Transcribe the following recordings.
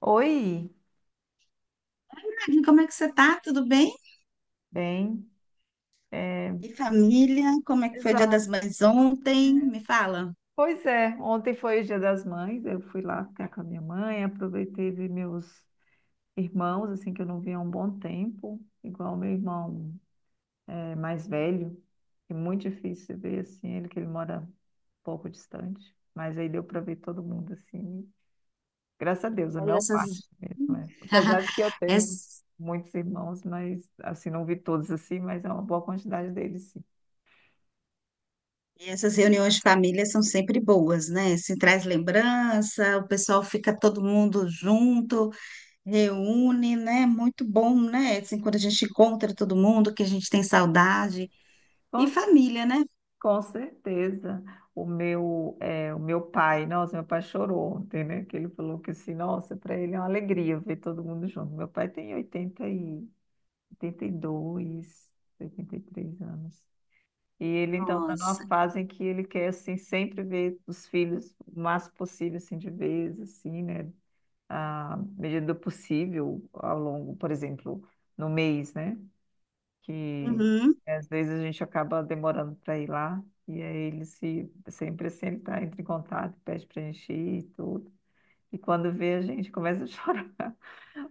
Oi, Agnes, como é que você tá? Tudo bem? bem, E família? Como é que foi o Dia das exato. Mães ontem? Me fala. Pois é, ontem foi o Dia das Mães, eu fui lá ficar com a minha mãe, aproveitei ver meus irmãos, assim, que eu não via há um bom tempo, igual meu irmão mais velho, que é muito difícil ver, assim, ele que ele mora um pouco distante, mas aí deu para ver todo mundo, assim, graças a Deus, a E maior essas, parte mesmo, é. Apesar de que eu tenho ess- muitos irmãos, mas, assim, não vi todos, assim, mas é uma boa quantidade deles, sim. essas reuniões de família são sempre boas, né? Se traz lembrança, o pessoal fica todo mundo junto, reúne, né? Muito bom, né? Assim, quando a gente encontra todo mundo, que a gente tem saudade. E Vamos família, né? Com certeza. O meu pai, nossa, meu pai chorou ontem, né? Que ele falou que assim, nossa, para ele é uma alegria ver todo mundo junto. Meu pai tem oitenta oitenta e dois, 83 anos. E ele então está numa Nossa. fase em que ele quer assim sempre ver os filhos o máximo possível assim de vez, assim, né? À medida do possível ao longo, por exemplo, no mês, né, que Uhum. às vezes a gente acaba demorando para ir lá, e aí ele se, sempre, sempre tá, entra em contato, pede para a gente ir e tudo. E quando vê, a gente começa a chorar.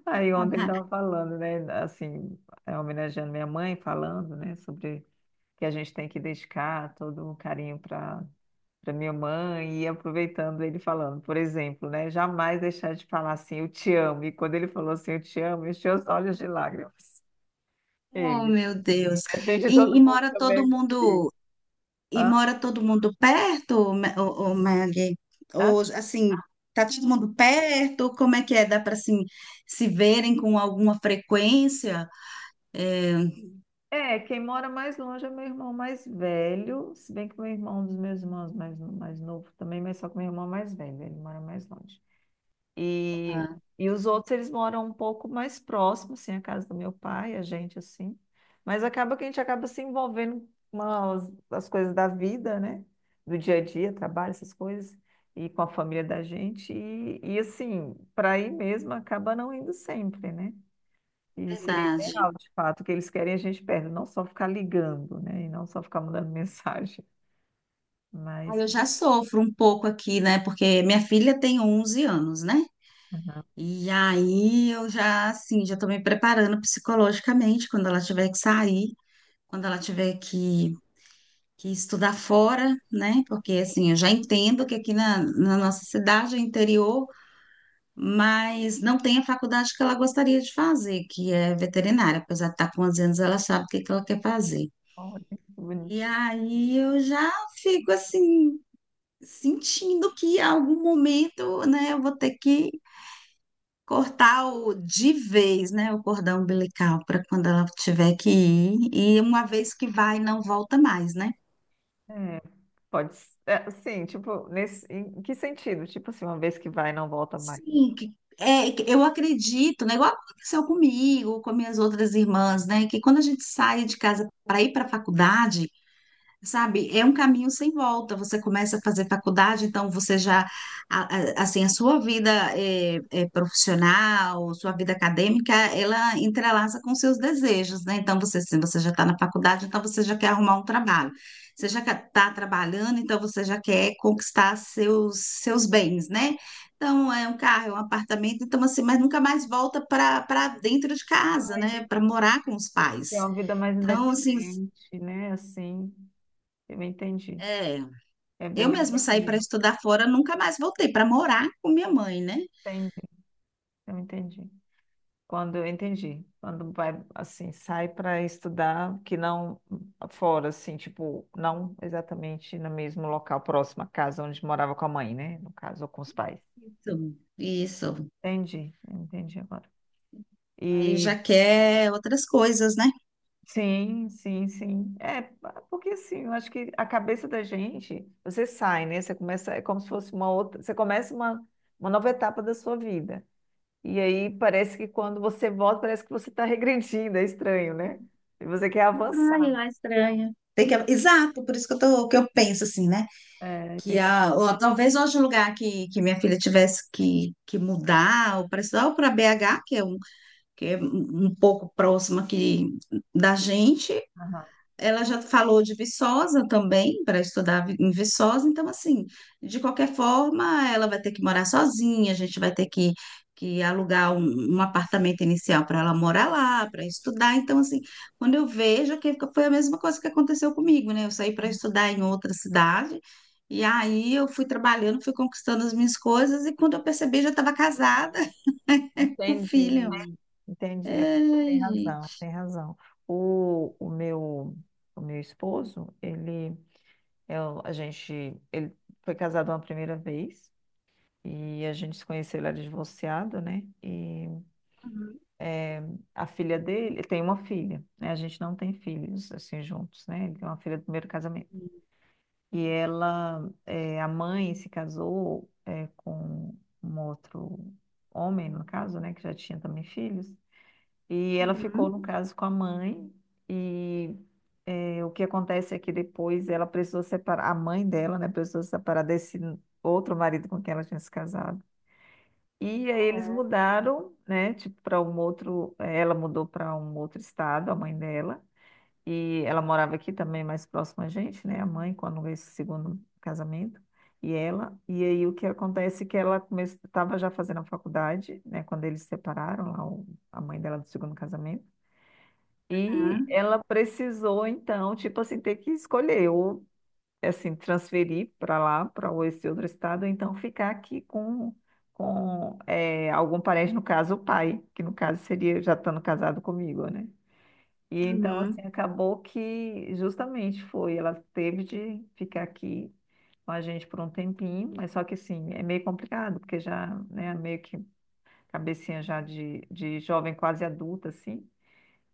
Aí ontem ele estava falando, né, assim, homenageando minha mãe, falando, né, sobre que a gente tem que dedicar todo um carinho para minha mãe, e aproveitando ele falando, por exemplo, né, jamais deixar de falar assim, eu te amo. E quando ele falou assim, eu te amo, eu encheu os olhos de lágrimas. Oh, Ele. meu Deus. A gente, E, e todo mundo mora também é todo emotivo. mundo. E Ah, mora todo mundo perto, ou, Maggie? ah, Ou, assim, tá todo mundo perto? Como é que é? Dá para, assim, se verem com alguma frequência? É, é, quem mora mais longe é meu irmão mais velho, se bem que meu irmão, um dos meus irmãos mais novo também, mas só que meu irmão é mais velho, ele mora mais longe. E, ah, e os outros, eles moram um pouco mais próximos, assim, a casa do meu pai, a gente, assim. Mas acaba que a gente acaba se envolvendo com as coisas da vida, né? Do dia a dia, trabalho, essas coisas, e com a família da gente. E assim, para ir mesmo, acaba não indo sempre, né? E seria verdade. ideal, de fato, o que eles querem é a gente perto, não só ficar ligando, né? E não só ficar mandando mensagem. Ah, Mas eu que já sofro um pouco aqui, né? Porque minha filha tem 11 anos, né? E aí eu já, assim, já tô me preparando psicologicamente quando ela tiver que sair, quando ela tiver que estudar fora, né? Porque, assim, eu já entendo que aqui na nossa cidade, é interior, mas não tem a faculdade que ela gostaria de fazer, que é veterinária. Apesar de estar com 11 anos, ela sabe o que que ela quer fazer. bom, né? E Bonitinho. aí eu já fico assim, sentindo que em algum momento, né, eu vou ter que cortar o, de vez, né, o cordão umbilical para quando ela tiver que ir. E uma vez que vai, não volta mais, né? Pode ser, é, sim, tipo, em que sentido? Tipo assim, uma vez que vai, não volta mais. Sim, é, que eu acredito, né? Igual aconteceu comigo, com minhas outras irmãs, né? Que quando a gente sai de casa para ir para a faculdade, sabe, é um caminho sem volta. Você começa a fazer faculdade, então você já, assim, a sua vida é profissional, sua vida acadêmica, ela entrelaça com seus desejos, né? Então você, se você já está na faculdade, então você já quer arrumar um trabalho. Você já está trabalhando, então você já quer conquistar seus, seus bens, né? Então é um carro, é um apartamento, então assim, mas nunca mais volta para dentro de casa, Ah, né? Para entendi. morar com os Tem pais. uma vida mais Então, assim, independente, né? Assim, eu entendi. é. É bem Eu mais mesmo saí para independente. estudar fora, nunca mais voltei para morar com minha mãe, né? Entendi, eu entendi. Quando vai assim, sai para estudar, que não fora, assim, tipo, não exatamente no mesmo local, próximo à casa onde morava com a mãe, né? No caso, ou com os pais. Isso, isso. Entendi, entendi agora. Aí E já quer outras coisas, né? sim, sim, sim. É, porque assim, eu acho que a cabeça da gente, você sai, né? Você começa, é como se fosse uma outra, você começa uma nova etapa da sua vida. E aí parece que quando você volta, parece que você está regredindo, é estranho, né? E você quer avançar. Ai, lá estranha. Tem que... Exato, por isso que eu tô, que eu penso assim, né? É, Que tem a, ou talvez hoje o lugar que minha filha tivesse que mudar, ou para estudar, ou para BH, que é um, que é um pouco próximo aqui da gente. aham, Ela já falou de Viçosa também, para estudar em Viçosa, então, assim, de qualquer forma, ela vai ter que morar sozinha, a gente vai ter que alugar um, um apartamento inicial para ela morar lá, para estudar. Então, assim, quando eu vejo, é que foi a mesma coisa que aconteceu comigo, né? Eu saí para estudar em outra cidade, e aí eu fui trabalhando, fui conquistando as minhas coisas, e quando eu percebi, já estava casada com filho. entendi, entendi. É, tem Ai, gente. razão, tem razão. O, o meu, o meu esposo, ele, é o- a gente, ele foi casado uma primeira vez e a gente se conheceu, ele era divorciado, né? E a filha dele, tem uma filha, né? A gente não tem filhos assim juntos, né? Ele tem uma filha do primeiro casamento. E ela, a mãe se casou com um outro homem, no caso, né, que já tinha também filhos. E ela ficou, Uhum, no caso, com a mãe. E o que acontece é que depois ela precisou separar, a mãe dela, né, precisou separar desse outro marido com quem ela tinha se casado. E aí eles mudaram, né, tipo, para um outro, eh, ela mudou para um outro estado, a mãe dela. E ela morava aqui também, mais próxima a gente, né, a mãe, quando esse segundo casamento. E aí o que acontece é que ela estava já fazendo a faculdade, né, quando eles se separaram, lá, a mãe dela do segundo casamento. E tá. ela precisou, então, tipo assim, ter que escolher ou, assim, transferir para lá, para esse outro estado, ou então ficar aqui com, algum parente, no caso, o pai, que no caso seria já estando casado comigo, né? E então, assim, Uhum. acabou que justamente foi, ela teve de ficar aqui com a gente por um tempinho, mas só que, assim, é meio complicado, porque já, né, meio que cabecinha já de jovem quase adulta, assim,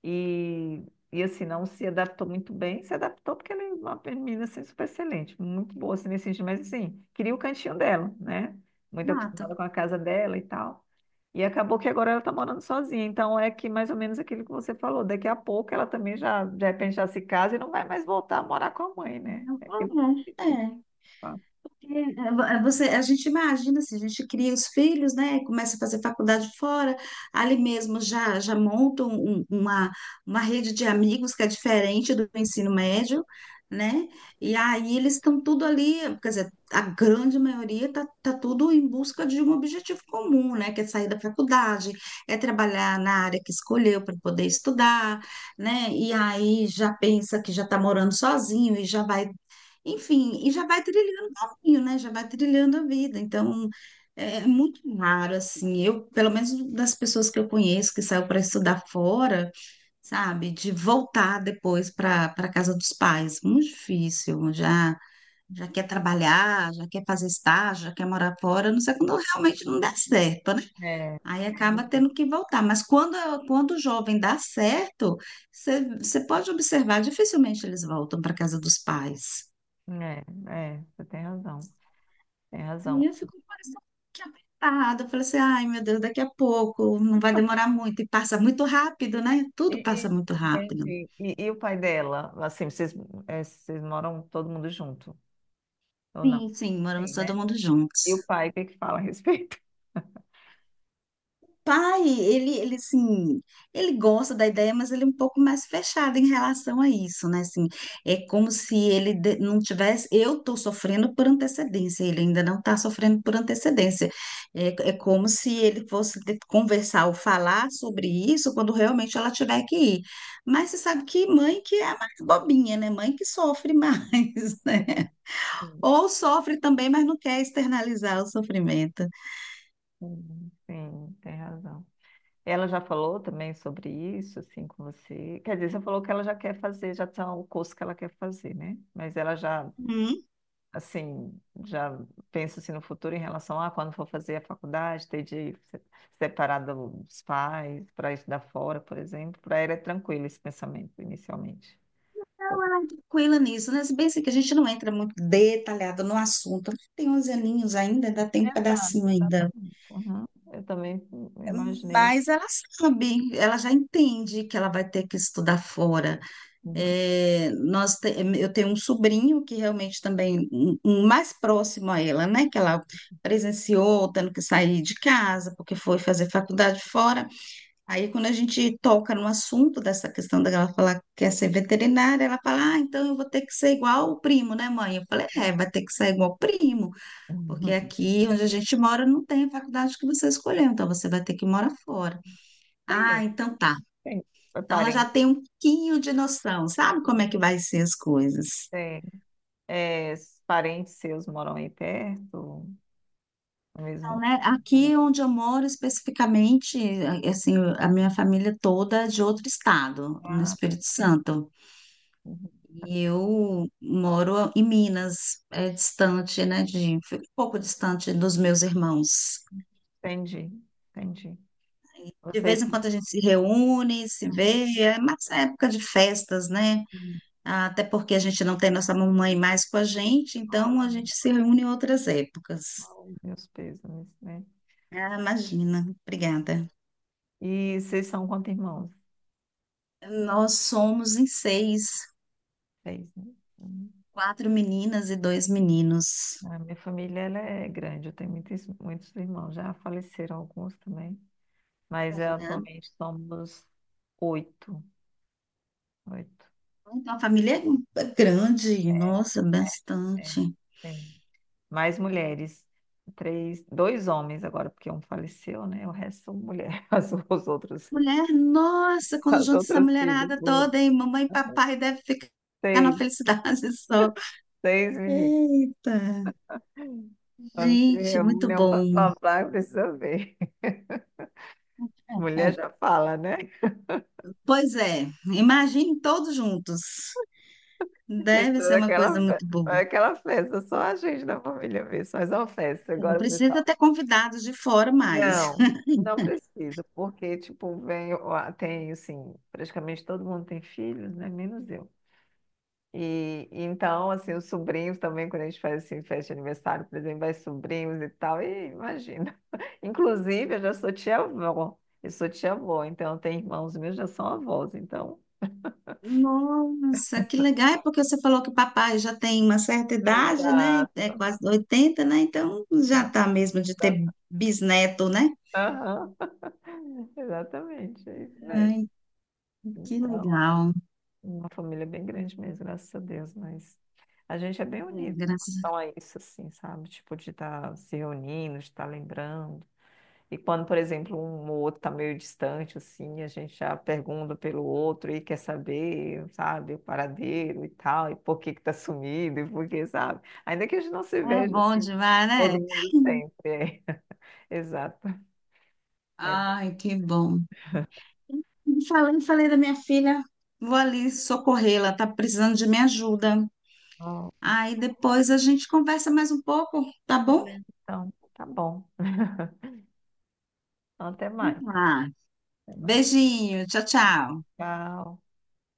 e, e assim, não se adaptou muito bem, se adaptou porque ela é uma menina assim, super excelente, muito boa assim, nesse sentido, mas assim, queria o cantinho dela, né? Muito Exato. acostumada com a casa dela e tal. E acabou que agora ela tá morando sozinha, então é que mais ou menos aquilo que você falou, daqui a pouco ela também já, de repente, já se casa e não vai mais voltar a morar com a mãe, né? É aquilo que eu Não, é, acredito, é. tá? É, é, você, a gente imagina assim, a gente cria os filhos, né? Começa a fazer faculdade fora, ali mesmo já montam uma rede de amigos que é diferente do ensino médio, né? E aí eles estão tudo ali, quer dizer, a grande maioria tá, tá tudo em busca de um objetivo comum, né? Que é sair da faculdade, é trabalhar na área que escolheu para poder estudar, né? E aí já pensa que já está morando sozinho e já vai enfim, e já vai trilhando caminho, né? Já vai trilhando a vida. Então, é muito raro, assim. Eu, pelo menos das pessoas que eu conheço que saiu para estudar fora, sabe? De voltar depois para casa dos pais. Muito difícil. Já, já quer trabalhar, já quer fazer estágio, já quer morar fora. A Não sei quando realmente não dá certo, né? É, Aí acaba tendo que voltar. Mas quando, quando o jovem dá certo, você pode observar, dificilmente eles voltam para casa dos pais. é, é, você tem razão, tem Aí razão. eu fico parecendo que apertada. Eu falei assim, ai meu Deus, daqui a pouco, não vai demorar muito. E passa muito rápido, né? E, Tudo passa e- muito rápido. Entendi. E o pai dela? Assim, vocês moram todo mundo junto, ou não? Sim, sim, moramos Sim, né? todo mundo E o juntos. pai, o que é que fala a respeito? Pai, ele, assim, ele gosta da ideia, mas ele é um pouco mais fechado em relação a isso, né? Assim, é como se ele não tivesse. Eu estou sofrendo por antecedência, ele ainda não está sofrendo por antecedência. É, é como se ele fosse conversar ou falar sobre isso quando realmente ela tiver que ir. Mas você sabe que mãe que é a mais bobinha, né? Mãe que sofre mais, né? Sim, sim, Ou sofre também, mas não quer externalizar o sofrimento. sim, sim, tem razão. Ela já falou também sobre isso, assim, com você? Quer dizer, você falou que ela já quer fazer, já tá o curso que ela quer fazer, né? Mas ela já assim, já penso assim no futuro em relação a quando for fazer a faculdade, ter de separar dos pais para estudar fora, por exemplo, para ela é tranquilo esse pensamento inicialmente. Pô. Tranquila nisso, né? Se bem assim que a gente não entra muito detalhado no assunto, tem 11 aninhos ainda, ainda tem um Exato, pedacinho ainda. exatamente. Uhum. Eu também imaginei. Mas ela sabe, ela já entende que ela vai ter que estudar fora. É, eu tenho um sobrinho que realmente também, um mais próximo a ela, né? Que ela presenciou tendo que sair de casa porque foi fazer faculdade fora. Aí, quando a gente toca no assunto dessa questão dela falar que quer ser veterinária, ela fala: ah, então eu vou ter que ser igual o primo, né, mãe? Eu falei: é, vai ter que ser igual o primo, porque Uhum. aqui onde a gente mora não tem a faculdade que você escolheu, então você vai ter que morar fora. Tem, Ah, então tá. tem Então ela já parentes, tem um pouquinho de noção, sabe como é sim que vai ser as coisas. sim. É, parentes seus moram aí perto, no Então, mesmo né, lugar? aqui onde eu moro especificamente, assim, a minha família toda é de outro estado, no Ah, Espírito Santo. uhum. E eu moro em Minas, é distante, né, de, fico um pouco distante dos meus irmãos. Entendi, entendi. De vez Vocês em se... quando a gente se reúne, se vê, é mais época de festas, né? Até porque a gente não tem nossa mamãe mais com a gente, então a Uhum. gente se reúne em outras épocas. Oh, meus pêsames, né? Ah, imagina, obrigada. E vocês são quantos irmãos? Nós somos em seis, Seis, né? Hum. quatro meninas e dois meninos. A minha família ela é grande, eu tenho muitos, muitos irmãos, já faleceram alguns também, mas é, Né? atualmente somos oito, oito, Então a família é grande, nossa, é, bastante. sim. Mais mulheres, três, dois homens agora, porque um faleceu, né? O resto são mulheres, as, os outros, Mulher, nossa, quando as junta essa outras filhas, mulherada mulheres. toda, hein? Mamãe e papai deve ficar na Seis, felicidade só. seis meninas. Eita, Quando se gente, muito reúne, é um blá bom. blá blá, precisa ver. Mulher É. já fala, né? Pois é, imagine todos juntos. Fez Deve ser toda uma coisa Aquela, fe- muito boa. aquela festa, só a gente da família vê, só é uma festa. Não Agora, precisa pessoal, ter convidados de fora mais. não, não precisa, porque, tipo, tem, assim, praticamente todo mundo tem filhos, né? Menos eu. E então, assim, os sobrinhos também, quando a gente faz, assim, festa de aniversário, por exemplo, vai sobrinhos e tal, e imagina. Inclusive, eu já sou tia-avó, eu sou tia-avó, então tem irmãos meus já são avós, então... Nossa, que legal, é porque você falou que papai já tem uma certa idade, né? É Exato. quase 80, né? Então já Aham. tá mesmo de ter Exato. bisneto, né? Aham. Exatamente, é isso mesmo. Ai, que Então, legal. uma família bem grande mesmo, graças a Deus, mas a gente é bem É, unido em graças. relação a isso, assim, sabe? Tipo, de estar se reunindo, de estar lembrando. E quando, por exemplo, um ou outro está meio distante, assim, a gente já pergunta pelo outro e quer saber, sabe, o paradeiro e tal, e por que que tá sumido, e por que, sabe? Ainda que a gente não se É veja, bom assim, demais, todo né? mundo sempre, é. Exato. É Ai, que bom. Falei, falei da minha filha, vou ali socorrê-la, tá precisando de minha ajuda. bom. Aí depois a gente conversa mais um pouco, tá bom? Beleza, então, tá bom. Então, até Vamos mais. lá. Até mais. Beijinho, tchau, tchau. Tchau.